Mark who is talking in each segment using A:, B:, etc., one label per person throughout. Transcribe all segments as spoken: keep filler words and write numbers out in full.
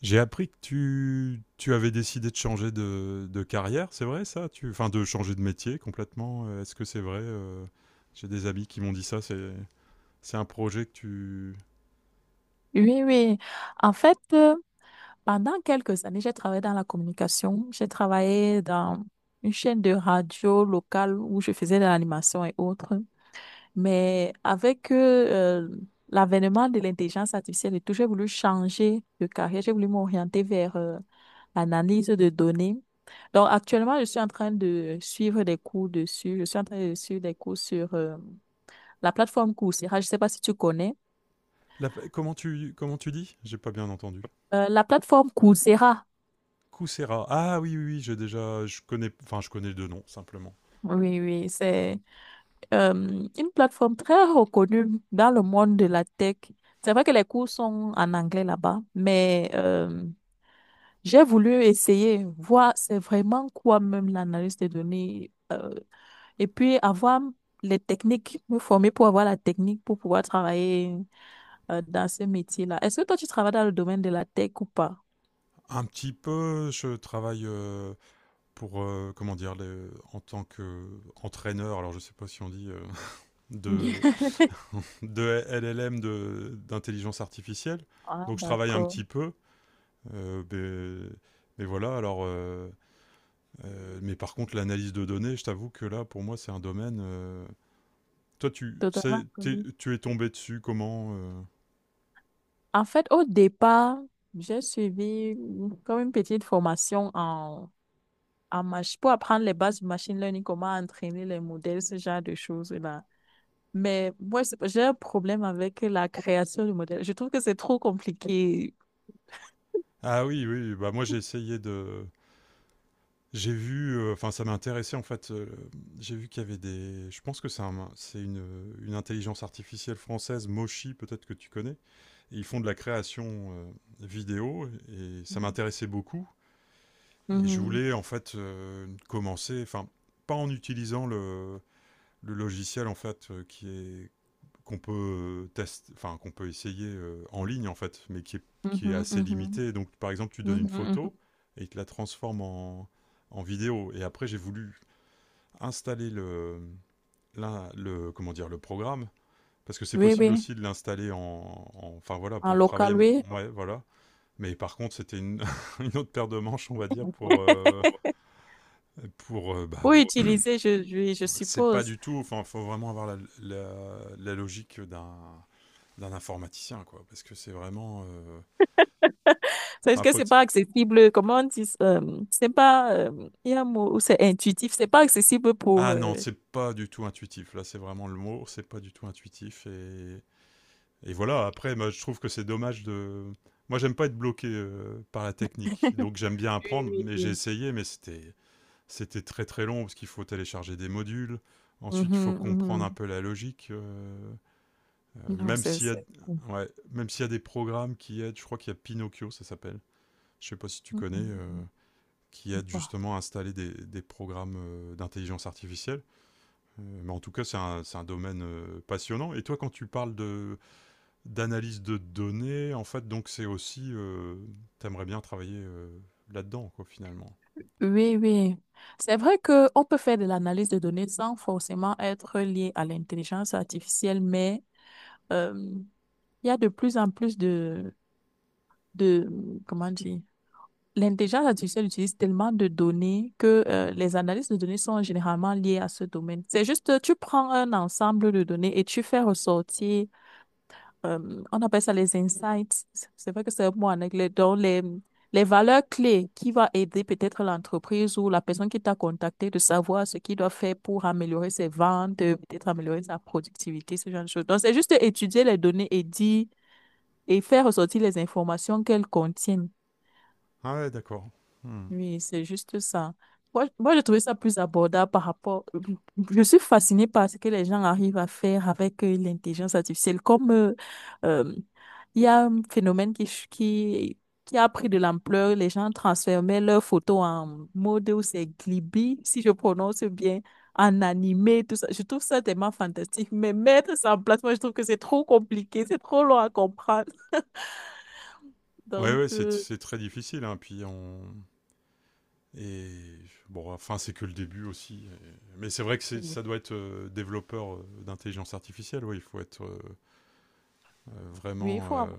A: J'ai appris que tu, tu avais décidé de changer de, de carrière, c'est vrai ça tu, Enfin, de changer de métier complètement. euh, Est-ce que c'est vrai euh, J'ai des amis qui m'ont dit ça. C'est, c'est un projet que tu.
B: Oui, oui. En fait, euh, pendant quelques années, j'ai travaillé dans la communication. J'ai travaillé dans une chaîne de radio locale où je faisais de l'animation et autres. Mais avec euh, euh, l'avènement de l'intelligence artificielle et tout, j'ai voulu changer de carrière. J'ai voulu m'orienter vers euh, l'analyse de données. Donc, actuellement, je suis en train de suivre des cours dessus. Je suis en train de suivre des cours sur euh, la plateforme Coursera. Je ne sais pas si tu connais.
A: La- comment tu comment tu dis J'ai pas bien entendu.
B: Euh, La plateforme Coursera.
A: Coursera. Ah oui, oui, oui, j'ai déjà. Je connais. Enfin, je connais deux noms simplement.
B: Oui, oui, c'est euh, une plateforme très reconnue dans le monde de la tech. C'est vrai que les cours sont en anglais là-bas, mais euh, j'ai voulu essayer, voir c'est vraiment quoi même l'analyse des données, euh, et puis avoir les techniques, me former pour avoir la technique pour pouvoir travailler euh, dans ce métier-là. Est-ce que toi, tu travailles dans le domaine de la tech ou pas?
A: Un petit peu. Je travaille euh, pour euh, comment dire les- en tant que entraîneur. Alors, je sais pas si on dit euh, de de L L M de- d'intelligence artificielle.
B: Ah,
A: Donc je travaille un
B: d'accord.
A: petit peu. euh, mais, mais voilà, alors. euh, euh, mais par contre, l'analyse de données, je t'avoue que là, pour moi, c'est un domaine. euh, Toi, tu,
B: Totalement.
A: c'est- t'es- tu es tombé dessus comment euh.
B: En fait, au départ, j'ai suivi une- comme une petite formation en, en mach- pour apprendre les bases du machine learning, comment entraîner les modèles, ce genre de choses-là. Mais moi, c'est- j'ai un problème avec la création du modèle. Je trouve que c'est trop compliqué.
A: Ah oui, oui, bah moi j'ai essayé de. J'ai vu, euh, enfin ça m'intéressait en fait. euh, j'ai vu qu'il y avait des. Je pense que c'est un- c'est une, une intelligence artificielle française, Moshi, peut-être que tu connais. Ils font de la création euh, vidéo et ça m'intéressait beaucoup. Et je
B: Mhm,
A: voulais en fait euh, commencer, enfin, pas en utilisant le, le logiciel en fait euh, qui est qu'on peut tester, enfin qu'on peut essayer euh, en ligne en fait, mais qui est, qui est
B: mhm,
A: assez
B: mhm,
A: limité. Donc par exemple, tu donnes une
B: mhm,
A: photo
B: mhm.
A: et il te la transforme en, en vidéo. Et après, j'ai voulu installer le, l'in- le comment dire le programme parce que c'est
B: Oui,
A: possible
B: oui,
A: aussi de l'installer en, en- enfin voilà
B: en
A: pour travailler.
B: local, oui.
A: Ouais, voilà. Mais par contre, c'était une, une autre paire de manches, on va dire, pour. euh, pour euh, bah,
B: Pour utiliser, je, je, je
A: c'est pas
B: suppose.
A: du tout. Enfin, il faut vraiment avoir la, la- la logique d'un d'un informaticien, quoi. Parce que c'est vraiment. euh,
B: C'est
A: Enfin, euh,
B: que
A: faut.
B: c'est pas accessible. Comment on dit, euh, c'est pas, euh, il y a un mot où c'est intuitif. C'est pas accessible pour
A: Ah non,
B: euh,
A: c'est pas du tout intuitif. Là, c'est vraiment le mot. C'est pas du tout intuitif. Et, et voilà, après, moi, je trouve que c'est dommage de. Moi, j'aime pas être bloqué euh, par la technique. Donc, j'aime bien
B: Oui,
A: apprendre,
B: oui,
A: mais j'ai
B: oui.
A: essayé, mais c'était. C'était très très long parce qu'il faut télécharger des modules. Ensuite,
B: Mhm,
A: il faut comprendre un
B: mhm.
A: peu la logique. euh, euh,
B: Non,
A: même
B: c'est,
A: s'il y a,
B: c'est…
A: ouais, même s'il y a des programmes qui aident, je crois qu'il y a Pinocchio, ça s'appelle. Je sais pas si tu
B: Mhm,
A: connais, euh,
B: mhm.
A: qui aide
B: Bah.
A: justement à installer des, des programmes euh, d'intelligence artificielle. Euh, mais en tout cas, c'est un, c'est un domaine euh, passionnant. Et toi, quand tu parles de d'analyse de données, en fait, donc c'est aussi, euh, t'aimerais bien travailler euh, là-dedans, quoi, finalement.
B: Oui, oui. C'est vrai qu'on peut faire de l'analyse de données sans forcément être lié à l'intelligence artificielle, mais euh, il y a de plus en plus de, de, comment dire, l'intelligence artificielle utilise tellement de données que euh, les analyses de données sont généralement liées à ce domaine. C'est juste, tu prends un ensemble de données et tu fais ressortir euh, on appelle ça les insights. C'est vrai que c'est un mot en anglais. Donc, les, les valeurs clés qui vont aider peut-être l'entreprise ou la personne qui t'a contacté de savoir ce qu'il doit faire pour améliorer ses ventes, euh, peut-être améliorer sa productivité, ce genre de choses. Donc, c'est juste étudier les données et dire et faire ressortir les informations qu'elles contiennent.
A: Ah ouais, d'accord. Hmm.
B: Oui, c'est juste ça. Moi, moi, j'ai trouvé ça plus abordable par rapport. Je suis fascinée par ce que les gens arrivent à faire avec euh, l'intelligence artificielle. Comme euh, euh, il y a un phénomène qui, ch- qui, qui a pris de l'ampleur, les gens transformaient leurs photos en mode ou c'est Glibi, si je prononce bien, en animé, tout ça. Je trouve ça tellement fantastique. Mais mettre ça en place, moi, je trouve que c'est trop compliqué, c'est trop long à comprendre.
A: Ouais,
B: Donc,
A: ouais, c'est
B: euh,
A: c'est très difficile, hein, puis on. Et bon, enfin, c'est que le début aussi. Et- Mais c'est vrai que c'est-
B: oui,
A: ça doit être euh, développeur euh, d'intelligence artificielle, oui, il faut être euh, euh,
B: oui, il
A: vraiment...
B: faut
A: euh,
B: avoir-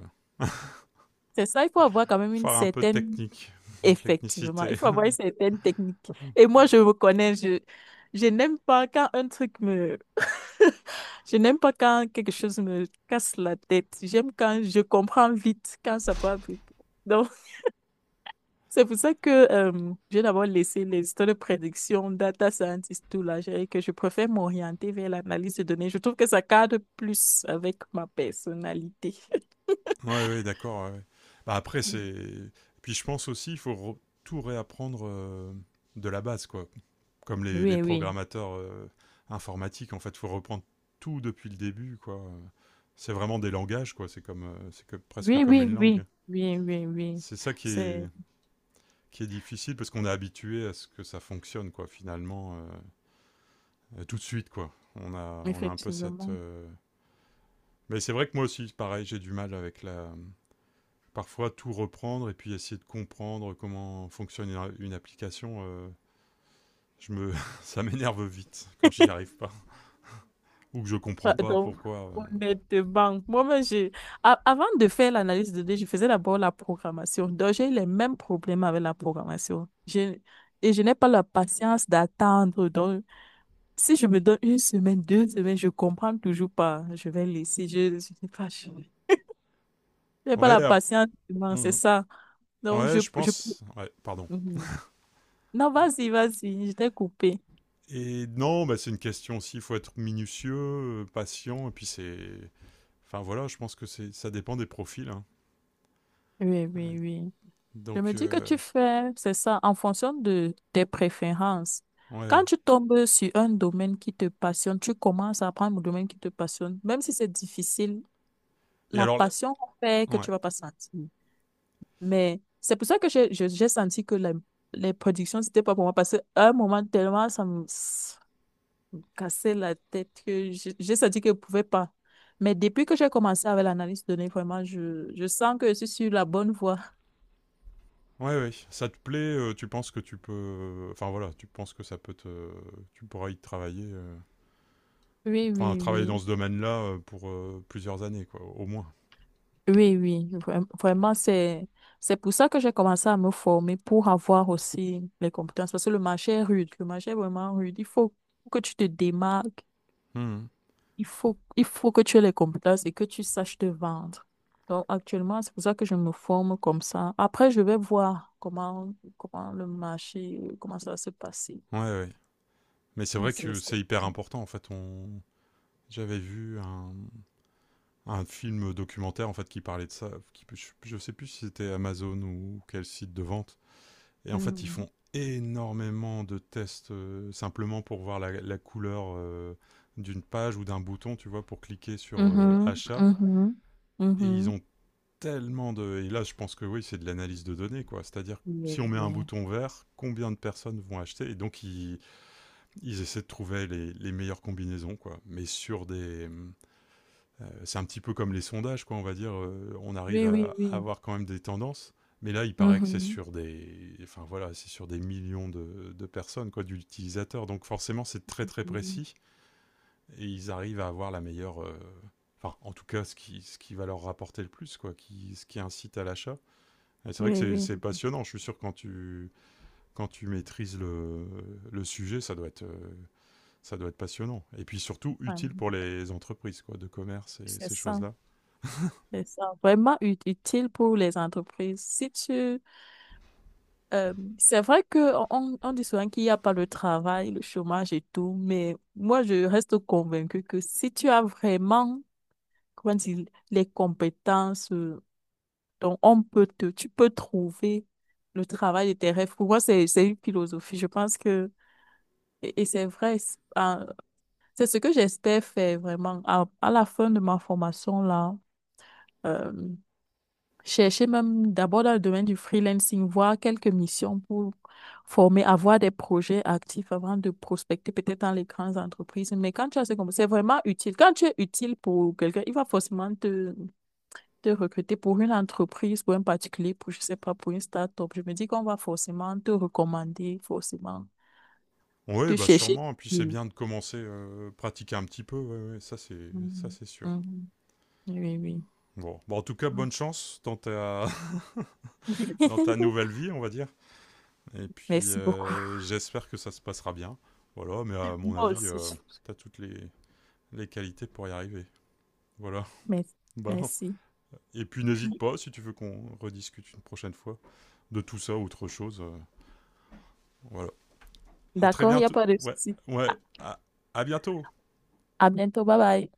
B: c'est ça, il faut avoir quand même une
A: faire un peu de
B: certaine…
A: technique,
B: Effectivement, il
A: technicité.
B: faut avoir certaines techniques. Et moi, je me connais, je, je n'aime pas quand un truc me… Je n'aime pas quand quelque chose me casse la tête. J'aime quand je comprends vite, quand ça peut arriver. Donc, c'est pour ça que euh, j'ai d'abord laissé les histoires de prédiction, data scientist, tout là, j'ai- que je préfère m'orienter vers l'analyse de données. Je trouve que ça cadre plus avec ma personnalité.
A: Ouais, ouais, d'accord. Ouais, ouais. Bah, après, c'est... Puis je pense aussi, il faut re- tout réapprendre euh, de la base, quoi. Comme les, les
B: Oui, oui.
A: programmateurs euh, informatiques, en fait, il faut reprendre tout depuis le début, quoi. C'est vraiment des langages, quoi. C'est comme, euh, c'est que presque
B: Oui,
A: comme
B: oui,
A: une langue.
B: oui. Oui, oui, oui.
A: C'est ça qui est, qui est difficile parce qu'on est habitué à ce que ça fonctionne, quoi. Finalement, euh, tout de suite, quoi. On a, on a un peu cette.
B: Effectivement.
A: Euh... Mais c'est vrai que moi aussi, pareil, j'ai du mal avec la. Parfois, tout reprendre et puis essayer de comprendre comment fonctionne une, une application. Euh... Je me... ça m'énerve vite quand j'y arrive pas ou que je comprends
B: Enfin,
A: pas
B: donc,
A: pourquoi euh,
B: honnêtement, moi-même, j'ai… a- avant de faire l'analyse de données, je faisais d'abord la programmation. Donc, j'ai eu les mêmes problèmes avec la programmation. Je… Et je n'ai pas la patience d'attendre. Donc, si je me donne une semaine, deux semaines, je comprends toujours pas. Je vais laisser. Je je sais pas. Je n'ai pas
A: Ouais,
B: la
A: ap-
B: patience. Vraiment, c'est
A: on-
B: ça. Donc, je…
A: ouais, je
B: je…
A: pense. Ouais, pardon.
B: Mhm. Non, vas-y, vas-y. Je t'ai coupé.
A: Et non, bah, c'est une question aussi. Il faut être minutieux, euh, patient, et puis c'est. Enfin voilà, je pense que c'est, ça dépend des profils, hein.
B: Oui,
A: Ouais.
B: oui, oui. Je
A: Donc
B: me dis que
A: euh,
B: tu fais, c'est ça, en fonction de tes préférences.
A: ouais.
B: Quand
A: Ouais.
B: tu tombes sur un domaine qui te passionne, tu commences à apprendre le domaine qui te passionne. Même si c'est difficile,
A: Et
B: la
A: alors, la-
B: passion fait que
A: ouais,
B: tu vas pas sentir. Mais c'est pour ça que j'ai je- j'ai senti que la- les productions, c'était pas pour moi. Parce qu'à un moment, tellement ça me s- cassait la tête que j'ai j'ai senti que je pouvais pas. Mais depuis que j'ai commencé avec l'analyse de données, vraiment, je, je sens que je suis sur la bonne voie.
A: ouais, ouais. Ça te plaît euh, Tu penses que tu peux. Enfin voilà, tu penses que ça peut te. Tu pourras y travailler. euh,
B: Oui,
A: Enfin,
B: oui,
A: travailler dans
B: oui.
A: ce domaine-là euh, pour euh, plusieurs années, quoi, au moins.
B: Oui, oui, vraim- vraiment, c'est, c'est pour ça que j'ai commencé à me former pour avoir aussi les compétences, parce que le marché est rude, le marché est vraiment rude. Il faut que tu te démarques,
A: Mhm.
B: il faut, il faut que tu aies les compétences et que tu saches te vendre. Donc, actuellement, c'est pour ça que je me forme comme ça. Après, je vais voir comment, comment le marché, comment ça va se passer.
A: Ouais, ouais. Mais c'est
B: Et
A: vrai
B: c'est
A: que
B: ça.
A: c'est hyper important. En fait, on. J'avais vu un, un film documentaire en fait qui parlait de ça. Qui, je, je sais plus si c'était Amazon ou quel site de vente. Et en fait, ils font
B: Mhm.
A: énormément de tests euh, simplement pour voir la, la couleur euh, d'une page ou d'un bouton, tu vois, pour cliquer sur euh,
B: Mhm,
A: achat.
B: mhm,
A: Et ils
B: mhm.
A: ont tellement de. Et là, je pense que oui, c'est de l'analyse de données, quoi. C'est-à-dire,
B: Oui,
A: si on met un bouton vert, combien de personnes vont acheter. Et donc, ils, ils essaient de trouver les, les meilleures combinaisons, quoi. Mais sur des, c'est un petit peu comme les sondages, quoi, on va dire. euh, on arrive
B: oui, oui,
A: à,
B: oui.
A: à
B: Oui.
A: avoir quand même des tendances. Mais là, il paraît que c'est
B: Mhm.
A: sur des, enfin voilà, c'est sur des millions de, de personnes, quoi, d'utilisateurs. Donc forcément, c'est très très
B: Mhm.
A: précis et ils arrivent à avoir la meilleure, euh, enfin en tout cas, ce qui, ce qui va leur rapporter le plus, quoi, qui, ce qui incite à l'achat. Et c'est vrai que
B: Oui,
A: c'est-
B: oui.
A: c'est passionnant. Je suis sûr que quand tu, quand tu maîtrises le, le sujet, ça doit être, euh, ça doit être passionnant. Et puis surtout
B: Ouais,
A: utile pour les entreprises, quoi, de commerce et
B: c'est
A: ces
B: ça,
A: choses-là.
B: c'est ça. Vraiment ut- utile pour les entreprises. Si tu, euh, c'est vrai que on, on on dit souvent qu'il n'y a pas le travail, le chômage et tout, mais moi je reste convaincue que si tu as vraiment, comment dire, les compétences, euh, donc on peut te, tu peux trouver le travail de tes rêves. Pour moi, c'est, c'est une philosophie. Je pense que, et, et c'est vrai, c'est euh, c'est ce que j'espère faire vraiment à, à la fin de ma formation là. Euh, chercher même d'abord dans le domaine du freelancing, voir quelques missions pour former, avoir des projets actifs avant de prospecter peut-être dans les grandes entreprises. Mais quand tu as ce compétences, c'est vraiment utile. Quand tu es utile pour quelqu'un, il va forcément te, te recruter pour une entreprise, pour un particulier, pour, je sais pas, pour une start-up. Je me dis qu'on va forcément te recommander, forcément
A: Ouais,
B: te
A: bah
B: chercher.
A: sûrement, et puis c'est
B: Oui.
A: bien de commencer, heu, pratiquer un petit peu, ouais, ouais, ça c'est ça
B: Mhm.
A: c'est sûr.
B: Mhm. Oui, oui.
A: Bon, bon en tout cas bonne chance dans ta dans ta nouvelle vie, on va dire, et puis,
B: Merci beaucoup.
A: heu, j'espère que ça se passera bien. Voilà, mais à mon
B: Moi
A: avis, heu,
B: aussi.
A: tu as toutes les les qualités pour y arriver. Voilà.
B: Merci.
A: Bon
B: Merci.
A: et puis n'hésite pas si tu veux qu'on rediscute une prochaine fois de tout ça ou autre chose, heu, voilà. À très
B: D'accord, il n'y a
A: bientôt
B: pas de
A: ouais,
B: souci.
A: ouais,
B: À
A: à à bientôt!
B: à bientôt, bye bye.